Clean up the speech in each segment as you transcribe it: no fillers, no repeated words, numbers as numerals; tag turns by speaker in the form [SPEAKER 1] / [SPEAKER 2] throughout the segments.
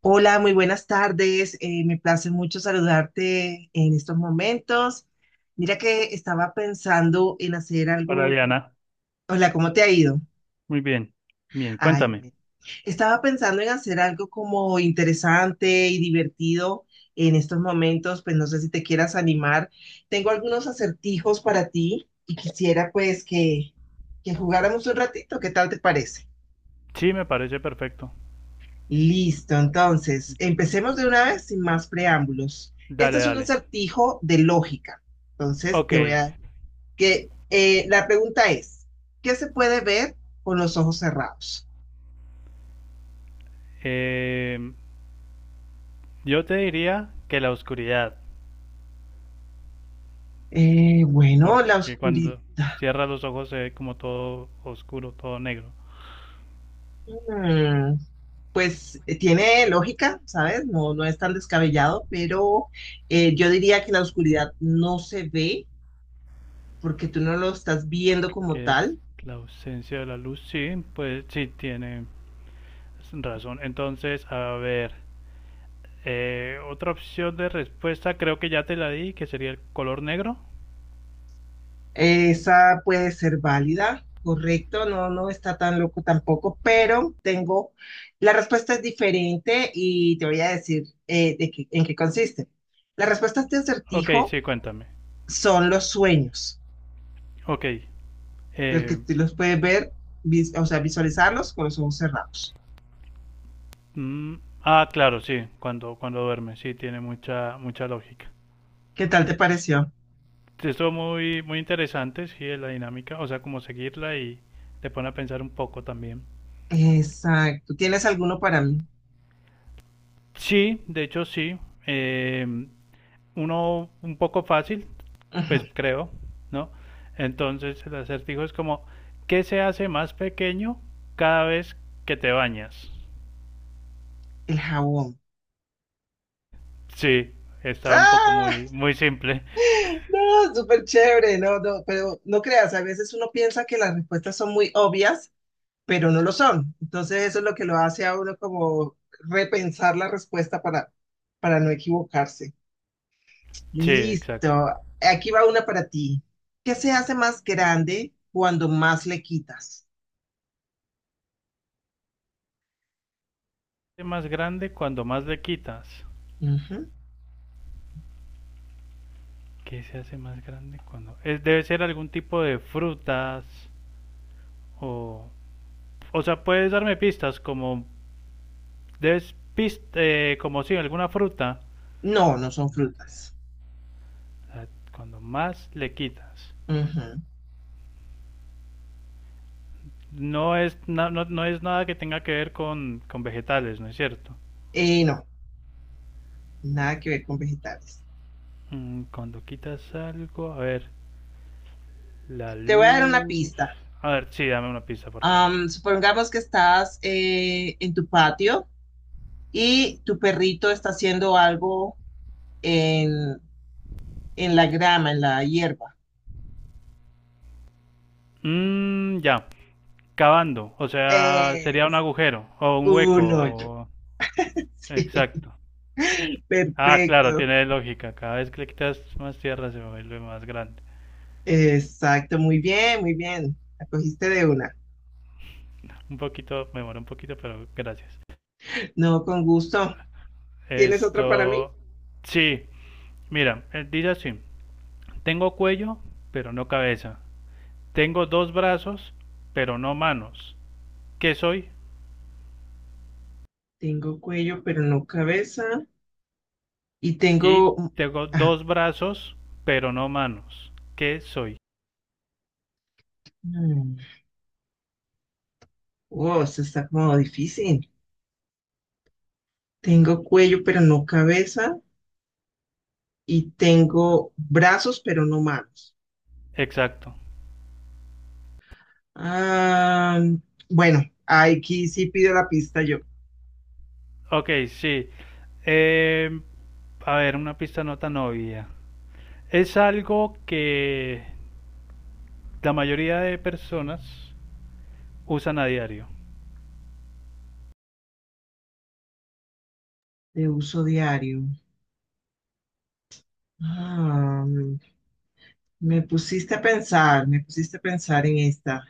[SPEAKER 1] Hola, muy buenas tardes. Me place mucho saludarte en estos momentos. Mira que estaba pensando en hacer
[SPEAKER 2] Hola
[SPEAKER 1] algo.
[SPEAKER 2] Diana,
[SPEAKER 1] Hola, ¿cómo te ha ido?
[SPEAKER 2] muy bien, bien,
[SPEAKER 1] Ay,
[SPEAKER 2] cuéntame.
[SPEAKER 1] bueno. Estaba pensando en hacer algo como interesante y divertido en estos momentos, pues no sé si te quieras animar. Tengo algunos acertijos para ti y quisiera pues que jugáramos un ratito. ¿Qué tal te parece?
[SPEAKER 2] Sí, me parece perfecto.
[SPEAKER 1] Listo, entonces, empecemos de una vez sin más preámbulos. Esto
[SPEAKER 2] Dale,
[SPEAKER 1] es un
[SPEAKER 2] dale.
[SPEAKER 1] acertijo de lógica. Entonces,
[SPEAKER 2] Ok.
[SPEAKER 1] te voy a... Que, la pregunta es, ¿qué se puede ver con los ojos cerrados?
[SPEAKER 2] em, yo te diría que la oscuridad,
[SPEAKER 1] Bueno, la
[SPEAKER 2] porque
[SPEAKER 1] oscuridad.
[SPEAKER 2] cuando cierras los ojos se ve como todo oscuro, todo negro,
[SPEAKER 1] Mm, pues tiene lógica, ¿sabes? No, no es tan descabellado, pero yo diría que la oscuridad no se ve porque tú no lo estás viendo como
[SPEAKER 2] que es
[SPEAKER 1] tal.
[SPEAKER 2] la ausencia de la luz. Sí, pues sí, tiene razón. Entonces, a ver, otra opción de respuesta creo que ya te la di, que sería el color negro.
[SPEAKER 1] Esa puede ser válida, correcto, no, no está tan loco tampoco, pero tengo, la respuesta es diferente y te voy a decir en qué consiste. Las respuestas de
[SPEAKER 2] Ok,
[SPEAKER 1] acertijo
[SPEAKER 2] sí, cuéntame.
[SPEAKER 1] son los sueños,
[SPEAKER 2] Ok,
[SPEAKER 1] porque
[SPEAKER 2] eh,
[SPEAKER 1] tú los puedes ver, o sea, visualizarlos con los ojos cerrados.
[SPEAKER 2] Mm, ah, claro, sí, cuando duerme, sí, tiene mucha, mucha lógica.
[SPEAKER 1] ¿Qué tal te pareció?
[SPEAKER 2] Esto muy, muy interesante, sí, de la dinámica, o sea, como seguirla y te pone a pensar un poco también.
[SPEAKER 1] Exacto. ¿Tienes alguno para mí?
[SPEAKER 2] Sí, de hecho sí, eh, uno un poco fácil, pues
[SPEAKER 1] Ujú.
[SPEAKER 2] creo, ¿no? Entonces el acertijo es como, ¿qué se hace más pequeño cada vez que te bañas?
[SPEAKER 1] El jabón.
[SPEAKER 2] Sí, está un poco
[SPEAKER 1] ¡Ah!
[SPEAKER 2] muy, muy simple.
[SPEAKER 1] No, súper chévere, no, no, pero no creas, a veces uno piensa que las respuestas son muy obvias pero no lo son. Entonces eso es lo que lo hace a uno como repensar la respuesta para no equivocarse.
[SPEAKER 2] Sí,
[SPEAKER 1] Listo,
[SPEAKER 2] exacto.
[SPEAKER 1] aquí va una para ti. ¿Qué se hace más grande cuando más le quitas?
[SPEAKER 2] Es más grande cuando más le quitas.
[SPEAKER 1] Ujú.
[SPEAKER 2] ¿Qué se hace más grande cuando...? Es, debe ser algún tipo de frutas o... O sea, puedes darme pistas como... Como si alguna fruta.
[SPEAKER 1] No, no son frutas.
[SPEAKER 2] Ah, cuando más le quitas.
[SPEAKER 1] Ujú.
[SPEAKER 2] No, no es nada que tenga que ver con vegetales, ¿no es cierto?
[SPEAKER 1] No, nada que ver con vegetales.
[SPEAKER 2] Mm, cuando quitas algo... A ver, la
[SPEAKER 1] Te voy a dar una
[SPEAKER 2] luz...
[SPEAKER 1] pista.
[SPEAKER 2] A ver, sí, dame una pista, por favor.
[SPEAKER 1] Supongamos que estás en tu patio y tu perrito está haciendo algo en, en la grama, en la hierba.
[SPEAKER 2] Mm, ya, cavando. O sea, sería un
[SPEAKER 1] Es
[SPEAKER 2] agujero o un hueco.
[SPEAKER 1] un hoyo. Sí.
[SPEAKER 2] Exacto. Ah, claro,
[SPEAKER 1] Perfecto.
[SPEAKER 2] tiene lógica. Cada vez que le quitas más tierra se vuelve más grande.
[SPEAKER 1] Exacto. Muy bien, muy bien. La cogiste de una.
[SPEAKER 2] Un poquito, me demoré un poquito, pero gracias.
[SPEAKER 1] No, con gusto. ¿Tienes otra para mí?
[SPEAKER 2] Esto, sí, mira, dice así. Tengo cuello, pero no cabeza. Tengo dos brazos, pero no manos. ¿Qué soy?
[SPEAKER 1] Tengo cuello, pero no cabeza. Y
[SPEAKER 2] Y
[SPEAKER 1] tengo...
[SPEAKER 2] tengo
[SPEAKER 1] Ah,
[SPEAKER 2] dos brazos, pero no manos. ¿Qué soy?
[SPEAKER 1] mm. Oh, esto está como difícil. Tengo cuello, pero no cabeza. Y tengo brazos, pero no manos.
[SPEAKER 2] Exacto.
[SPEAKER 1] Ah, bueno, aquí sí pido la pista yo.
[SPEAKER 2] Ok, sí. Eh, a ver, una pista no tan obvia. Es algo que la mayoría de personas usan a diario.
[SPEAKER 1] De uso diario. Ah, me pusiste a pensar, me pusiste a pensar en esta.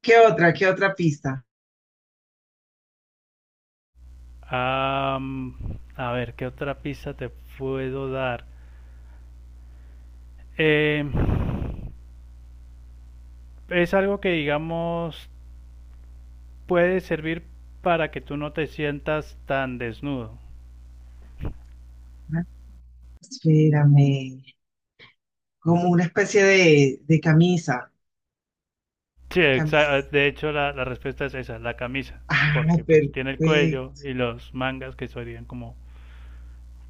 [SPEAKER 1] ¿Qué otra? ¿Qué otra pista?
[SPEAKER 2] Am, a ver, ¿qué otra pista te puedo dar? Eh, es algo que, digamos, puede servir para que tú no te sientas tan desnudo.
[SPEAKER 1] Ah, espérame. Como una especie de camisa.
[SPEAKER 2] Sí,
[SPEAKER 1] Camisa.
[SPEAKER 2] de hecho la, la respuesta es esa, la camisa,
[SPEAKER 1] Ah,
[SPEAKER 2] porque pues tiene el cuello
[SPEAKER 1] perfecto.
[SPEAKER 2] y los mangas que serían como,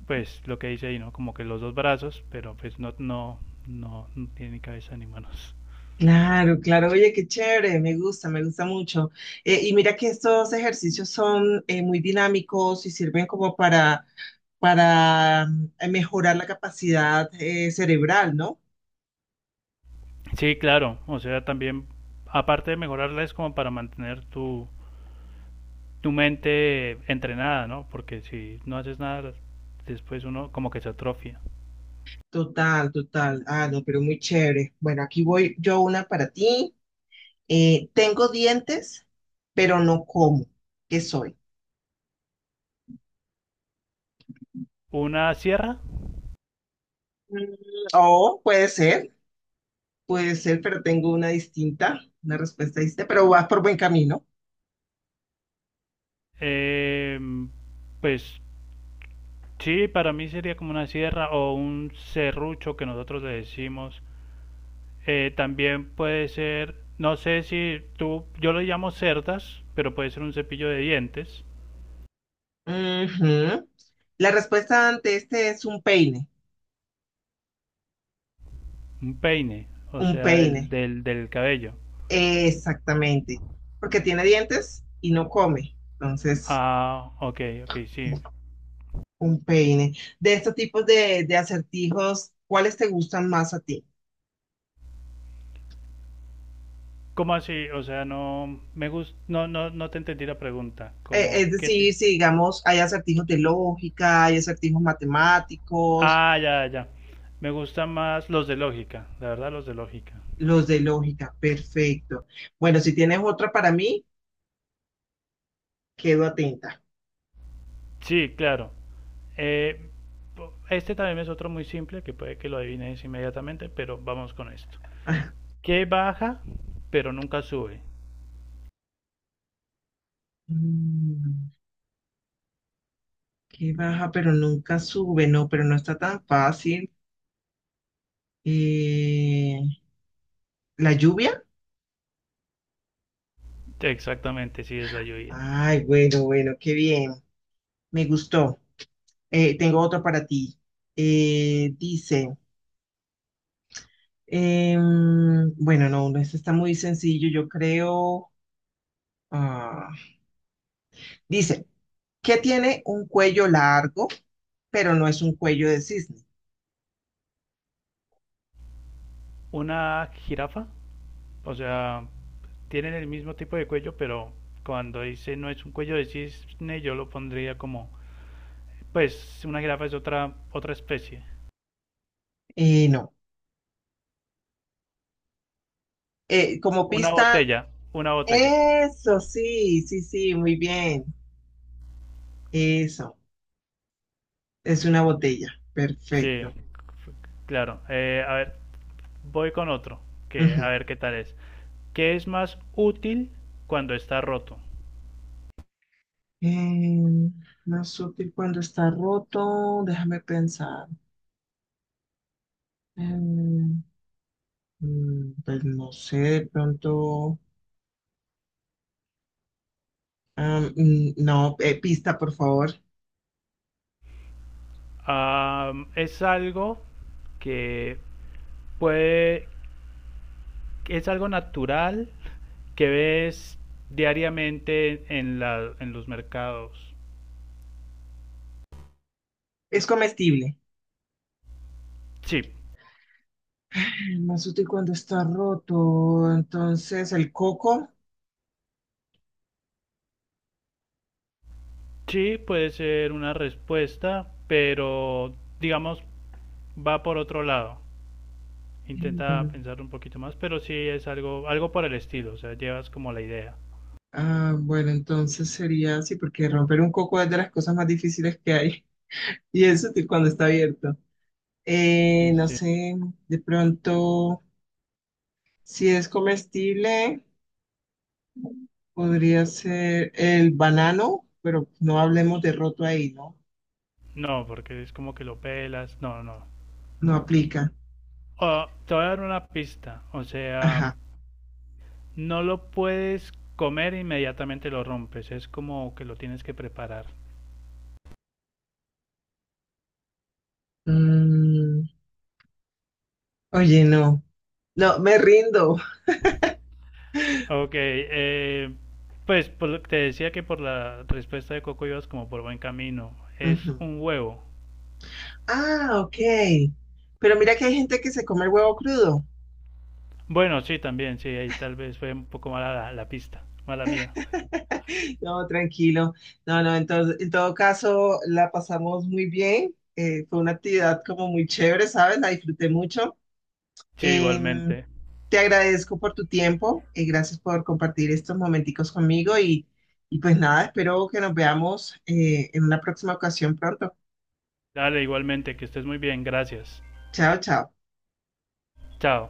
[SPEAKER 2] pues lo que dice ahí, ¿no? Como que los dos brazos, pero pues no, no, no, no tiene ni cabeza ni manos.
[SPEAKER 1] Claro, claro. Oye, qué chévere. Me gusta mucho. Y mira que estos ejercicios son muy dinámicos y sirven como para mejorar la capacidad cerebral, ¿no?
[SPEAKER 2] Sí, claro. O sea, también, aparte de mejorarla, es como para mantener tu, tu mente entrenada, ¿no? Porque si no haces nada, después uno como que se atrofia.
[SPEAKER 1] Total, total. Ah, no, pero muy chévere. Bueno, aquí voy yo una para ti. Tengo dientes, pero no como. ¿Qué soy?
[SPEAKER 2] Una sierra.
[SPEAKER 1] Mm, o puede ser, pero tengo una distinta, una respuesta distinta, pero vas por buen camino.
[SPEAKER 2] eh, pues sí, para mí sería como una sierra o un serrucho que nosotros le decimos. También puede ser, no sé si tú, yo lo llamo cerdas, pero puede ser un cepillo de dientes,
[SPEAKER 1] Ujú. La respuesta ante este es
[SPEAKER 2] un peine, o
[SPEAKER 1] un
[SPEAKER 2] sea, del,
[SPEAKER 1] peine,
[SPEAKER 2] del, del cabello.
[SPEAKER 1] exactamente, porque tiene dientes y no come, entonces
[SPEAKER 2] Ah, ok, ok, sí.
[SPEAKER 1] un peine. De estos tipos de acertijos, ¿cuáles te gustan más a ti?
[SPEAKER 2] ¿Cómo así? O sea, no, no, no te entendí la pregunta. Como,
[SPEAKER 1] Es
[SPEAKER 2] ¿qué
[SPEAKER 1] decir, si digamos, hay acertijos de lógica, hay acertijos matemáticos,
[SPEAKER 2] Ah, ya, ya. Me gustan más los de lógica, la verdad, los de lógica.
[SPEAKER 1] los de lógica, perfecto. Bueno, si tienes otra para mí, quedo atenta.
[SPEAKER 2] Sí, claro. Eh, este también es otro muy simple que puede que lo adivines inmediatamente, pero vamos con esto.
[SPEAKER 1] Ah,
[SPEAKER 2] ¿Qué baja, pero nunca sube?
[SPEAKER 1] mm. Que baja, pero nunca sube, no, pero no está tan fácil. Eh, ¿La lluvia?
[SPEAKER 2] Exactamente, sí, es la lluvia.
[SPEAKER 1] Ay, bueno, bueno, qué bien, me gustó. Tengo otro para ti. Eh, dice, bueno, no, no, este está muy sencillo, yo creo. Ah, dice, que tiene un cuello largo, pero no es un cuello de cisne.
[SPEAKER 2] ¿Una jirafa? O sea, tienen el mismo tipo de cuello, pero cuando dice no es un cuello de cisne, yo lo pondría como, pues una jirafa es otra otra especie.
[SPEAKER 1] Y no. Como
[SPEAKER 2] Una
[SPEAKER 1] pista,
[SPEAKER 2] botella, una botella.
[SPEAKER 1] eso, sí, sí, sí, muy bien. Eso, es una botella.
[SPEAKER 2] Sí,
[SPEAKER 1] Perfecto.
[SPEAKER 2] claro. A ver, voy con otro, que a
[SPEAKER 1] Ujú.
[SPEAKER 2] ver qué tal es. ¿Qué es más útil cuando está roto?
[SPEAKER 1] Eh, Más útil cuando está roto, déjame pensar. Eh, Pues no sé, de pronto. No, pista, por favor.
[SPEAKER 2] Ah, es algo que puede es algo natural que ves diariamente en, la, en los mercados.
[SPEAKER 1] Es comestible.
[SPEAKER 2] Sí,
[SPEAKER 1] Ay, más útil cuando está roto. Entonces, el coco.
[SPEAKER 2] sí puede ser una respuesta, pero digamos va por otro lado.
[SPEAKER 1] Mm,
[SPEAKER 2] Intenta pensar un poquito más, pero sí es algo, algo por el estilo, o sea, llevas como la idea.
[SPEAKER 1] ah, bueno, entonces sería así, porque romper un coco es de las cosas más difíciles que hay. Y es útil cuando está abierto. No
[SPEAKER 2] Este,
[SPEAKER 1] sé, de pronto, si es comestible, podría ser el banano, pero no hablemos de roto ahí, ¿no?
[SPEAKER 2] no, porque es como que lo pelas, no, no.
[SPEAKER 1] No aplica.
[SPEAKER 2] Oh, te voy a dar una pista, o sea,
[SPEAKER 1] Ajá.
[SPEAKER 2] no lo puedes comer e inmediatamente lo rompes, es como que lo tienes que preparar.
[SPEAKER 1] Mm, oye, no. No, me rindo.
[SPEAKER 2] Ok, pues que te decía que por la respuesta de Coco ibas como por buen camino. Es
[SPEAKER 1] Ujú.
[SPEAKER 2] un huevo.
[SPEAKER 1] Ah, ok. Pero mira que hay gente que se come el huevo crudo.
[SPEAKER 2] Bueno, sí, también, sí, ahí tal vez fue un poco mala la, la pista, mala mía.
[SPEAKER 1] No, tranquilo. No, no, entonces, en todo caso, la pasamos muy bien. Fue una actividad como muy chévere, ¿sabes? La disfruté mucho.
[SPEAKER 2] Sí,
[SPEAKER 1] Em,
[SPEAKER 2] igualmente.
[SPEAKER 1] Te agradezco por tu tiempo y gracias por compartir estos momenticos conmigo. Y y pues nada, espero que nos veamos en una próxima ocasión pronto.
[SPEAKER 2] Dale, igualmente, que estés muy bien, gracias.
[SPEAKER 1] Chao, chao.
[SPEAKER 2] Chao.